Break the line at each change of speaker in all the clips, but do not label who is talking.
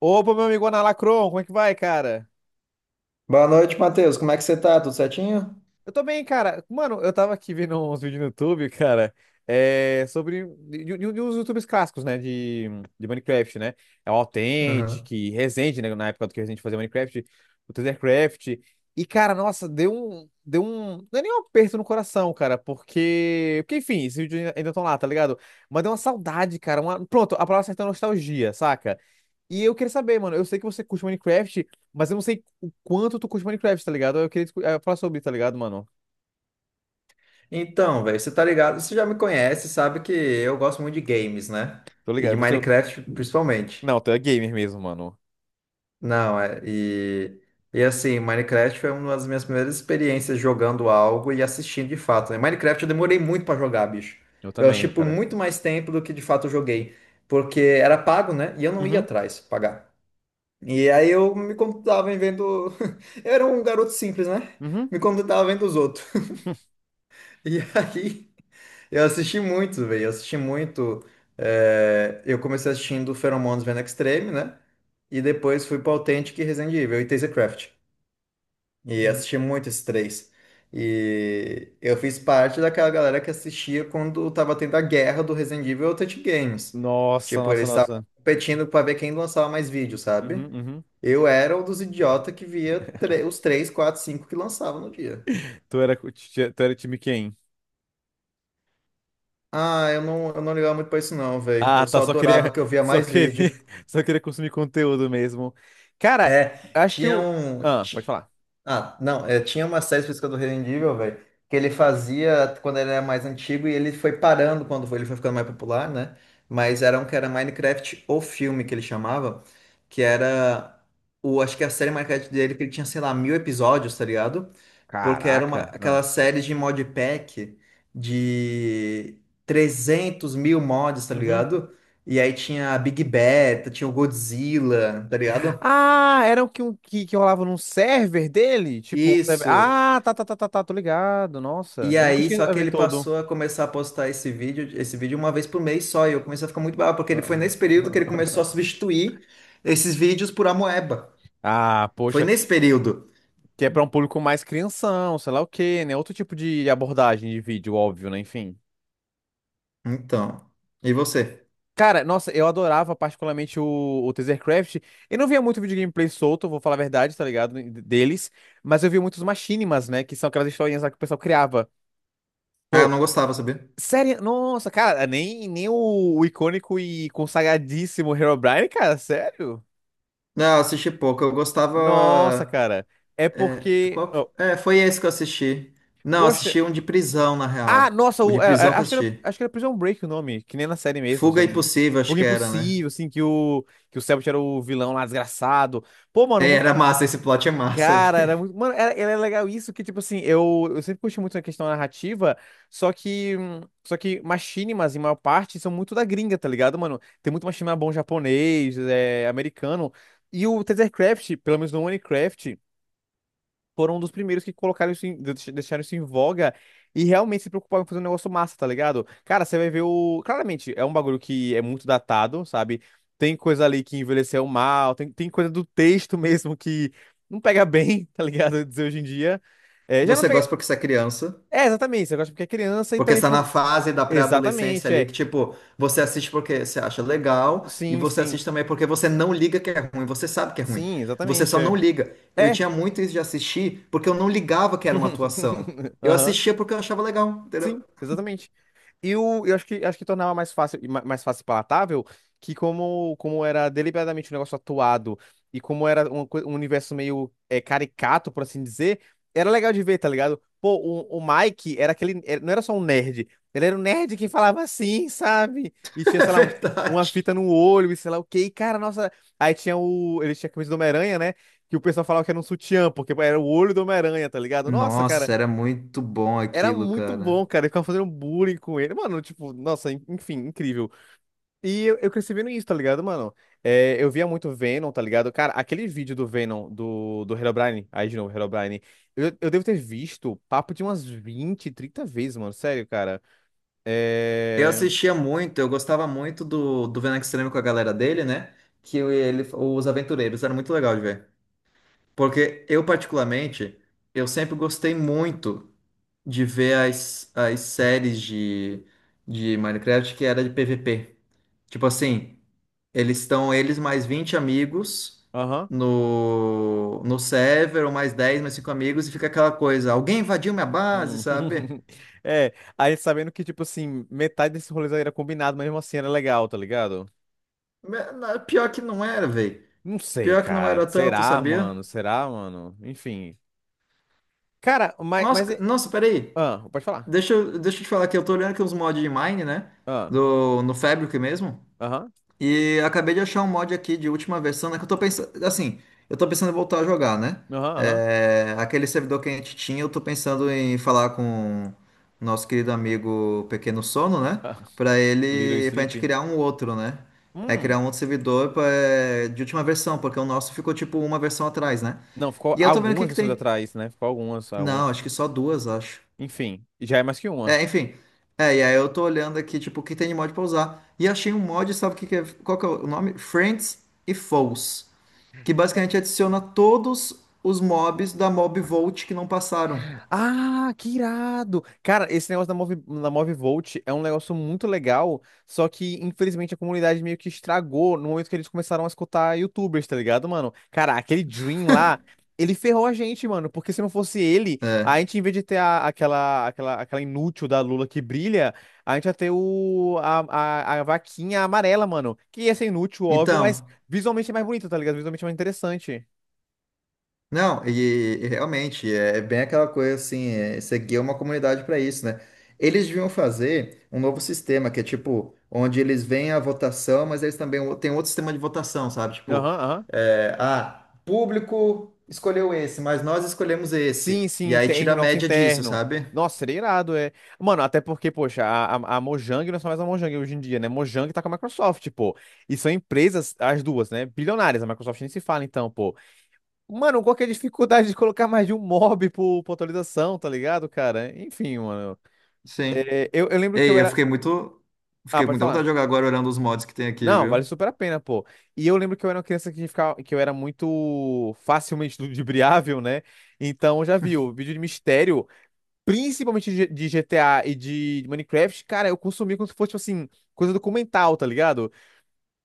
Opa, meu amigo Ana Lacron, como é que vai, cara?
Boa noite, Matheus. Como é que você tá? Tudo certinho?
Eu tô bem, cara. Mano, eu tava aqui vendo uns vídeos no YouTube, cara, sobre de uns YouTubers clássicos, né, de Minecraft, né? É o Authentic,
Aham.
Resende, né, na época do que o Resende fazia Minecraft, o Tethercraft. E, cara, nossa, deu um, não é nem um aperto no coração, cara, porque enfim, esses vídeos ainda estão lá, tá ligado? Mas deu uma saudade, cara, pronto, a palavra certa é nostalgia, saca? E eu queria saber, mano, eu sei que você curte Minecraft, mas eu não sei o quanto tu curte Minecraft, tá ligado? Eu queria falar sobre, tá ligado, mano?
Então, velho, você tá ligado? Você já me conhece, sabe que eu gosto muito de games, né?
Tô
E
ligado.
de
Você.
Minecraft, principalmente.
Não, tu é gamer mesmo, mano.
Não, é. E assim, Minecraft foi uma das minhas primeiras experiências jogando algo e assistindo de fato, né? Minecraft eu demorei muito pra jogar, bicho.
Eu
Eu achei
também,
por
cara.
muito mais tempo do que de fato eu joguei. Porque era pago, né? E eu não ia
Uhum,
atrás pagar. E aí eu me contentava em vendo. Eu era um garoto simples, né?
uhum.
Me contentava vendo os outros. E aí eu assisti muito, velho. Eu assisti muito. Eu comecei assistindo Pheromones Vendo Extreme, né? E depois fui pra Authentic e Resident Evil e Tasercraft. E assisti muito esses três. E eu fiz parte daquela galera que assistia quando tava tendo a guerra do Resident Evil e Authentic Games.
Nossa,
Tipo,
nossa,
eles estavam
nossa.
competindo pra ver quem lançava mais vídeo, sabe?
Uhum, uhum.
Eu era um dos idiotas que via os 3, 4, 5 que lançavam no dia.
Tu era time quem?
Ah, eu não ligava muito pra isso não, velho.
Ah,
Eu
tá,
só adorava que eu via
só
mais
queria,
vídeo.
só queria consumir conteúdo mesmo. Cara,
É,
acho que
tinha
o.
um...
Ah, pode
ti-
falar.
Ah, não, é, tinha uma série específica do Resident Evil, velho, que ele fazia quando ele era mais antigo e ele foi parando quando ele foi ficando mais popular, né? Mas era um que era Minecraft, o filme que ele chamava, que era. O, acho que a série Minecraft dele, que ele tinha, sei lá, mil episódios, tá ligado? Porque era uma,
Caraca. Ah.
aquela série de modpack de 300.000 mods, tá
Uhum.
ligado? E aí tinha a Big Beta, tinha o Godzilla, tá ligado?
Ah, era o que, que rolava num server dele? Tipo, um server.
Isso.
Ah, tá, tá, tá, tá, tá, tô ligado. Nossa,
E
eu nunca
aí,
cheguei
só
a
que
ver
ele
todo.
passou a começar a postar esse vídeo uma vez por mês só, e eu comecei a ficar muito bravo, porque ele
Ah,
foi nesse período que ele começou a substituir esses vídeos por Amoeba.
Ah,
Foi
poxa,
nesse período.
que é pra um público mais crianção, sei lá o quê, né? Outro tipo de abordagem de vídeo, óbvio, né? Enfim.
Então. E você?
Cara, nossa, eu adorava particularmente o Tasercraft. Eu não via muito vídeo gameplay solto, vou falar a verdade, tá ligado? Deles. Mas eu via muitos machinimas, né? Que são aquelas historinhas lá que o pessoal criava.
Ah, eu
Pô,
não gostava, sabia?
sério? Nossa, cara, nem o icônico e consagradíssimo Herobrine, cara, sério?
Não, eu assisti pouco. Eu
Nossa,
gostava.
cara. É
É,
porque.
qual...
Ó,
foi esse que eu assisti. Não,
poxa.
assisti um de prisão, na
Ah,
real.
nossa,
O de prisão que eu
acho que era,
assisti.
acho que era Prison Break o nome, que nem na série mesmo, se
Fuga
eu não me engano.
Impossível, acho
Porque
que era, né?
impossível, assim, que o Cellbit era o vilão lá, desgraçado. Pô, mano,
É,
muito.
era massa, esse plot é massa,
Cara, era
velho.
muito. Mano, era legal isso, que, tipo assim, eu sempre curti muito a questão narrativa, só que machinimas, em maior parte, são muito da gringa, tá ligado, mano? Tem muito machinima bom japonês, americano. E o Tethercraft, pelo menos no Minecraft foram um dos primeiros que colocaram isso deixaram isso em voga e realmente se preocuparam em fazer um negócio massa, tá ligado? Cara, você vai ver o. Claramente, é um bagulho que é muito datado, sabe? Tem coisa ali que envelheceu mal, tem coisa do texto mesmo que não pega bem, tá ligado? Dizer hoje em dia. É, já não
Você gosta
pega.
porque você é criança,
É, exatamente, você gosta porque é criança e
porque
também
está na
por.
fase da pré-adolescência
Exatamente,
ali,
é.
que, tipo, você assiste porque você acha legal, e
Sim,
você
sim.
assiste também porque você não liga que é ruim, você sabe que é ruim.
Sim,
Você
exatamente,
só não
é.
liga. Eu
É.
tinha muito isso de assistir porque eu não ligava que era uma atuação. Eu
Aham,
assistia porque eu achava legal, entendeu?
exatamente. Eu acho que tornava mais fácil, e mais fácil e palatável que como era deliberadamente um negócio atuado e como era um universo meio caricato, por assim dizer, era legal de ver, tá ligado? Pô, o Mike era aquele, não era só um nerd, ele era um nerd que falava assim, sabe? E tinha,
É
sei lá, uma
verdade.
fita no olho e sei lá o quê. E, cara, nossa, aí tinha o, ele tinha a camisa do Homem-Aranha, né? Que o pessoal falava que era um sutiã, porque era o olho do Homem-Aranha, tá ligado? Nossa, cara,
Nossa, era muito bom
era
aquilo,
muito
cara.
bom, cara. Eu ficava fazendo bullying com ele. Mano, tipo, nossa, en- enfim, incrível. E eu cresci vendo isso, tá ligado, mano? É, eu via muito Venom, tá ligado? Cara, aquele vídeo do Venom, do, do Herobrine, aí de novo, Herobrine, eu devo ter visto papo de umas 20, 30 vezes, mano. Sério, cara.
Eu
É.
assistia muito, eu gostava muito do Venom Extremo com a galera dele, né? Que ele, os aventureiros, era muito legal de ver. Porque eu, particularmente, eu sempre gostei muito de ver as séries de Minecraft que era de PVP. Tipo assim, eles estão, eles mais 20 amigos
Aham.
no server, ou mais 10 mais 5 amigos, e fica aquela coisa, alguém invadiu minha base,
Hum.
sabe?
É, aí sabendo que, tipo assim, metade desse rolê era combinado, mas mesmo assim era legal, tá ligado?
Pior que não era, velho.
Não sei,
Pior que não
cara.
era tanto,
Será,
sabia?
mano? Será, mano? Enfim. Cara, mas,
Nossa,
mas
c-
é.
nossa, peraí.
Ah, pode falar.
Deixa eu te falar que eu tô olhando aqui uns mods de Mine, né?
Ah,
Do, no Fabric mesmo.
aham,
E acabei de achar um mod aqui de última versão, né? Que eu tô pensando. Assim, eu tô pensando em voltar a jogar, né?
aham, aham.
É, aquele servidor que a gente tinha, eu tô pensando em falar com o nosso querido amigo Pequeno Sono, né?
Ah,
Pra
Little
ele. Pra gente
Sleep.
criar um outro, né? É
Hum.
criar um outro servidor de última versão, porque o nosso ficou tipo uma versão atrás, né?
Não, ficou
E eu tô vendo o que
algumas
que
pessoas
tem.
atrás, né? Ficou algumas, algumas.
Não, acho que só duas, acho.
Enfim, já é mais que uma.
É, enfim. É, e aí eu tô olhando aqui, tipo, o que tem de mod pra usar. E achei um mod, sabe o que que é? Qual que é o nome? Friends e Foes. Que basicamente adiciona todos os mobs da Mob Vault que não passaram.
Ah, que irado! Cara, esse negócio da Movivolt é um negócio muito legal, só que infelizmente a comunidade meio que estragou no momento que eles começaram a escutar YouTubers, tá ligado, mano? Cara, aquele Dream lá, ele ferrou a gente, mano, porque se não fosse ele,
É.
a gente, em vez de ter aquela inútil da Lula que brilha, a gente ia ter a vaquinha amarela, mano, que ia ser inútil, óbvio, mas
Então.
visualmente é mais bonito, tá ligado? Visualmente é mais interessante.
Não, e realmente é bem aquela coisa assim, é, você uma comunidade para isso, né? Eles deviam fazer um novo sistema que é tipo, onde eles veem a votação, mas eles também têm outro sistema de votação, sabe?
Aham,
Tipo,
aham.
público escolheu esse, mas nós escolhemos
Sim,
esse. E
sim,
aí
tem
tira
o
a
nosso
média disso,
interno.
sabe?
Nossa, seria irado, é. Mano, até porque, poxa, a Mojang não é só mais a Mojang hoje em dia, né? Mojang tá com a Microsoft, pô. E são empresas, as duas, né? Bilionárias. A Microsoft nem se fala, então, pô. Mano, qual que é a dificuldade de colocar mais de um mob por atualização, tá ligado, cara? Enfim, mano.
Sim.
É, eu lembro que eu
Ei, eu
era.
fiquei muito.
Ah,
Fiquei com
pode
muita vontade
falar.
de jogar agora olhando os mods que tem aqui,
Não, vale
viu?
super a pena, pô. E eu lembro que eu era uma criança que ficava, que eu era muito facilmente ludibriável, né? Então, já viu, vídeo de mistério, principalmente de GTA e de Minecraft, cara, eu consumia como se fosse, tipo assim, coisa documental, tá ligado?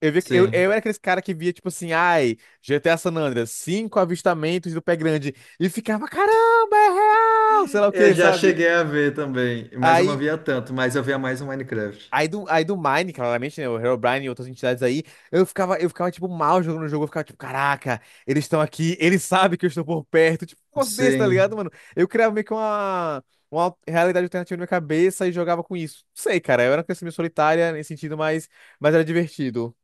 Eu, via, que- eu,
Sim.
eu era aqueles cara que via, tipo assim, ai, GTA San Andreas, cinco avistamentos do pé grande, e ficava, caramba, é real, sei lá o
Eu
que,
já
sabe?
cheguei a ver também, mas eu não
Aí
via tanto, mas eu via mais o Minecraft.
Aí do Mine, claramente, né? O Herobrine e outras entidades aí, eu ficava, tipo, mal jogando o jogo. Eu ficava, tipo, caraca, eles estão aqui, eles sabem que eu estou por perto. Tipo, um negócio desse, tá ligado,
Sim.
mano? Eu criava meio que uma realidade alternativa na minha cabeça e jogava com isso. Não sei, cara, eu era uma criança meio solitária nesse sentido, mas era divertido.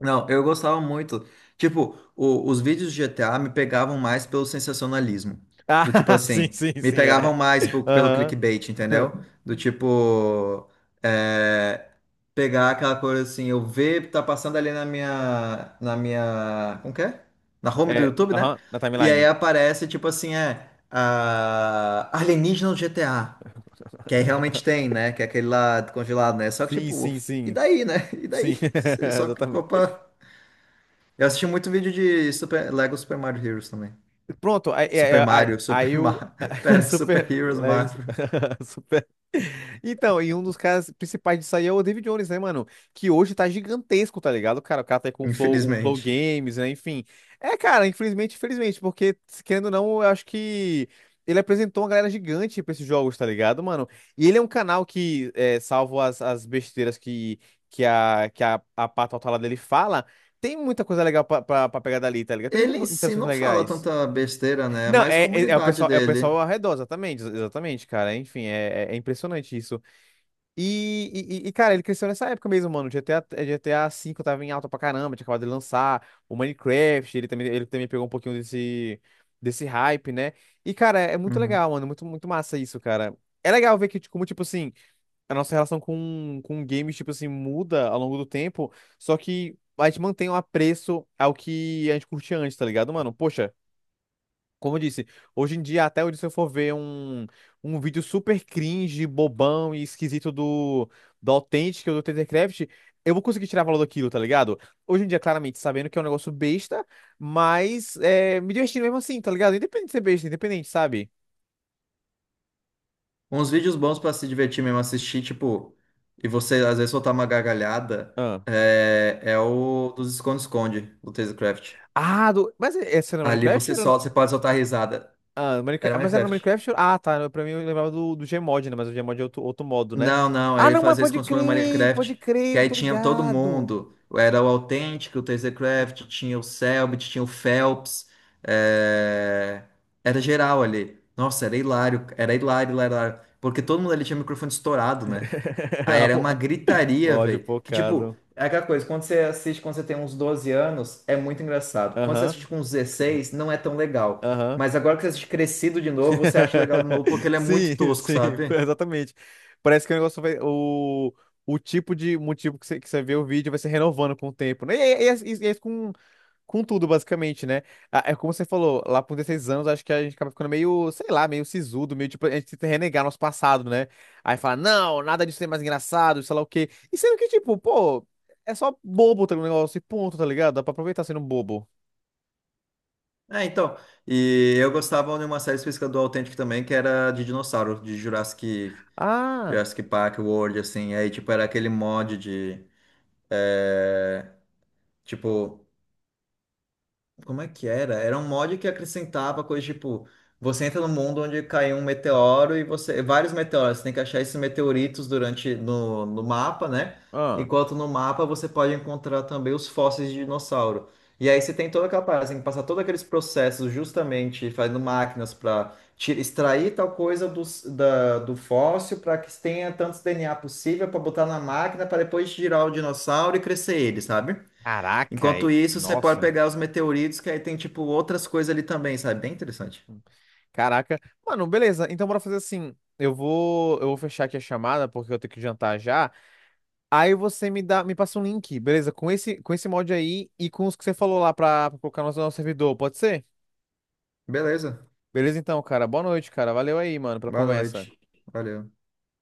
Não, eu gostava muito. Tipo, os vídeos de GTA me pegavam mais pelo sensacionalismo. Do tipo
Ah, sim,
assim,
sim,
me
sim, era.
pegavam mais pelo
Aham.
clickbait, entendeu? Do tipo, é, pegar aquela coisa assim, eu ver, tá passando ali na minha, como que é? Na home do
É,
YouTube, né?
aham, na
E aí
timeline.
aparece, tipo assim, a, alienígena no GTA. Que aí realmente tem, né? Que é aquele lá congelado, né? Só que,
Sim,
tipo,
sim,
e
sim.
daí, né? E daí?
Sim,
Você só clicou
exatamente.
pra. Eu assisti muito vídeo de Super. Lego Super Mario Heroes também.
Pronto, aí,
Super
aí, aí,
Mario, Super
aí o
Mario. Pera,
super,
Super Heroes Mario.
Super. Então, e um dos caras principais disso aí é o David Jones, né, mano? Que hoje tá gigantesco, tá ligado? Cara, o cara tá aí com o Flow
Infelizmente.
Games, né? Enfim. É, cara, infelizmente, infelizmente, porque, se querendo ou não, eu acho que ele apresentou uma galera gigante pra esses jogos, tá ligado, mano? E ele é um canal que, salvo as besteiras que a pata lá dele fala, tem muita coisa legal pra pegar dali, tá ligado? Tem
Ele
muitas
em si
interações
não fala
legais.
tanta besteira, né? É
Não,
mais
é o
comunidade
pessoal, é o pessoal
dele.
ao redor, exatamente, exatamente, cara. Enfim, é impressionante isso. E, cara, ele cresceu nessa época mesmo, mano. GTA, GTA V tava em alta pra caramba, tinha acabado de lançar. O Minecraft, ele também pegou um pouquinho desse hype, né? E, cara, é muito
Uhum.
legal, mano. Muito, muito massa isso, cara. É legal ver que, tipo, como, tipo assim, a nossa relação com games, tipo assim, muda ao longo do tempo, só que a gente mantém um apreço ao que a gente curtia antes, tá ligado, mano? Poxa. Como eu disse, hoje em dia, até onde se eu for ver um, vídeo super cringe, bobão e esquisito do Authentic ou do TenderCraft, eu vou conseguir tirar valor daquilo, tá ligado? Hoje em dia, claramente, sabendo que é um negócio besta, mas é, me divertindo mesmo assim, tá ligado? Independente de ser besta, independente, sabe?
Uns vídeos bons pra se divertir mesmo, assistir, tipo. E você, às vezes, soltar uma gargalhada.
Ah,
É, é o dos esconde-esconde, do Tazecraft.
ah do, mas essa era no
Ali
Minecraft? Era no.
você pode soltar risada.
Ah,
Era
Minecraft. Mas era no
Minecraft.
Minecraft? Ah, tá. Pra mim, eu lembrava do Gmod, né? Mas o Gmod é outro modo, né?
Não, não,
Ah,
ele
não, mas
fazia isso quando no
pode
Minecraft.
crer,
Que
eu
aí
tô
tinha todo
ligado.
mundo. Era o Authentic, o Tasercraft, tinha o Selbit, tinha o Phelps. é, Era geral ali. Nossa, era hilário, hilário, hilário. Porque todo mundo ali tinha o microfone estourado, né? Aí era uma
O
gritaria,
ódio
velho. Que tipo,
focado.
é aquela coisa, quando você assiste quando você tem uns 12 anos, é muito engraçado. Quando você
Aham,
assiste com uns 16, não é tão legal.
aham.
Mas agora que você assiste crescido de novo, você acha legal de novo, porque ele é muito
Sim,
tosco,
sim,
sabe?
exatamente. Parece que o negócio vai. O tipo de motivo que você vê o vídeo vai se renovando com o tempo, né? E com tudo, basicamente, né? Ah, é como você falou, lá por 16 anos, acho que a gente acaba ficando meio, sei lá, meio sisudo, meio tipo, a gente tenta renegar nosso passado, né? Aí fala, não, nada disso é mais engraçado, sei lá o quê. E sendo que, tipo, pô, é só bobo tá, o negócio e ponto, tá ligado? Dá pra aproveitar sendo bobo.
É, então. E eu gostava de uma série específica do Authentic também, que era de dinossauro, de Jurassic,
Ah,
Jurassic Park World, assim. Aí, tipo, era aquele mod de, tipo, como é que era? Era um mod que acrescentava coisa tipo, você entra no mundo onde caiu um meteoro e você. Vários meteoros, você tem que achar esses meteoritos durante no mapa, né?
ah,
Enquanto no mapa você pode encontrar também os fósseis de dinossauro. E aí você tem toda aquela parada, você tem que passar todos aqueles processos justamente fazendo máquinas para extrair tal coisa do fóssil para que tenha tantos DNA possível para botar na máquina para depois girar o dinossauro e crescer ele, sabe?
caraca,
Enquanto isso, você pode
nossa,
pegar os meteoritos, que aí tem, tipo, outras coisas ali também, sabe? Bem interessante.
caraca. Mano, beleza, então bora fazer assim. Eu vou fechar aqui a chamada, porque eu tenho que jantar já. Aí você me passa um link, beleza? com esse, mod aí e com os que você falou lá pra colocar no nosso servidor, pode ser?
Beleza.
Beleza então, cara. Boa noite, cara. Valeu aí, mano, pela
Boa
conversa.
noite. Valeu.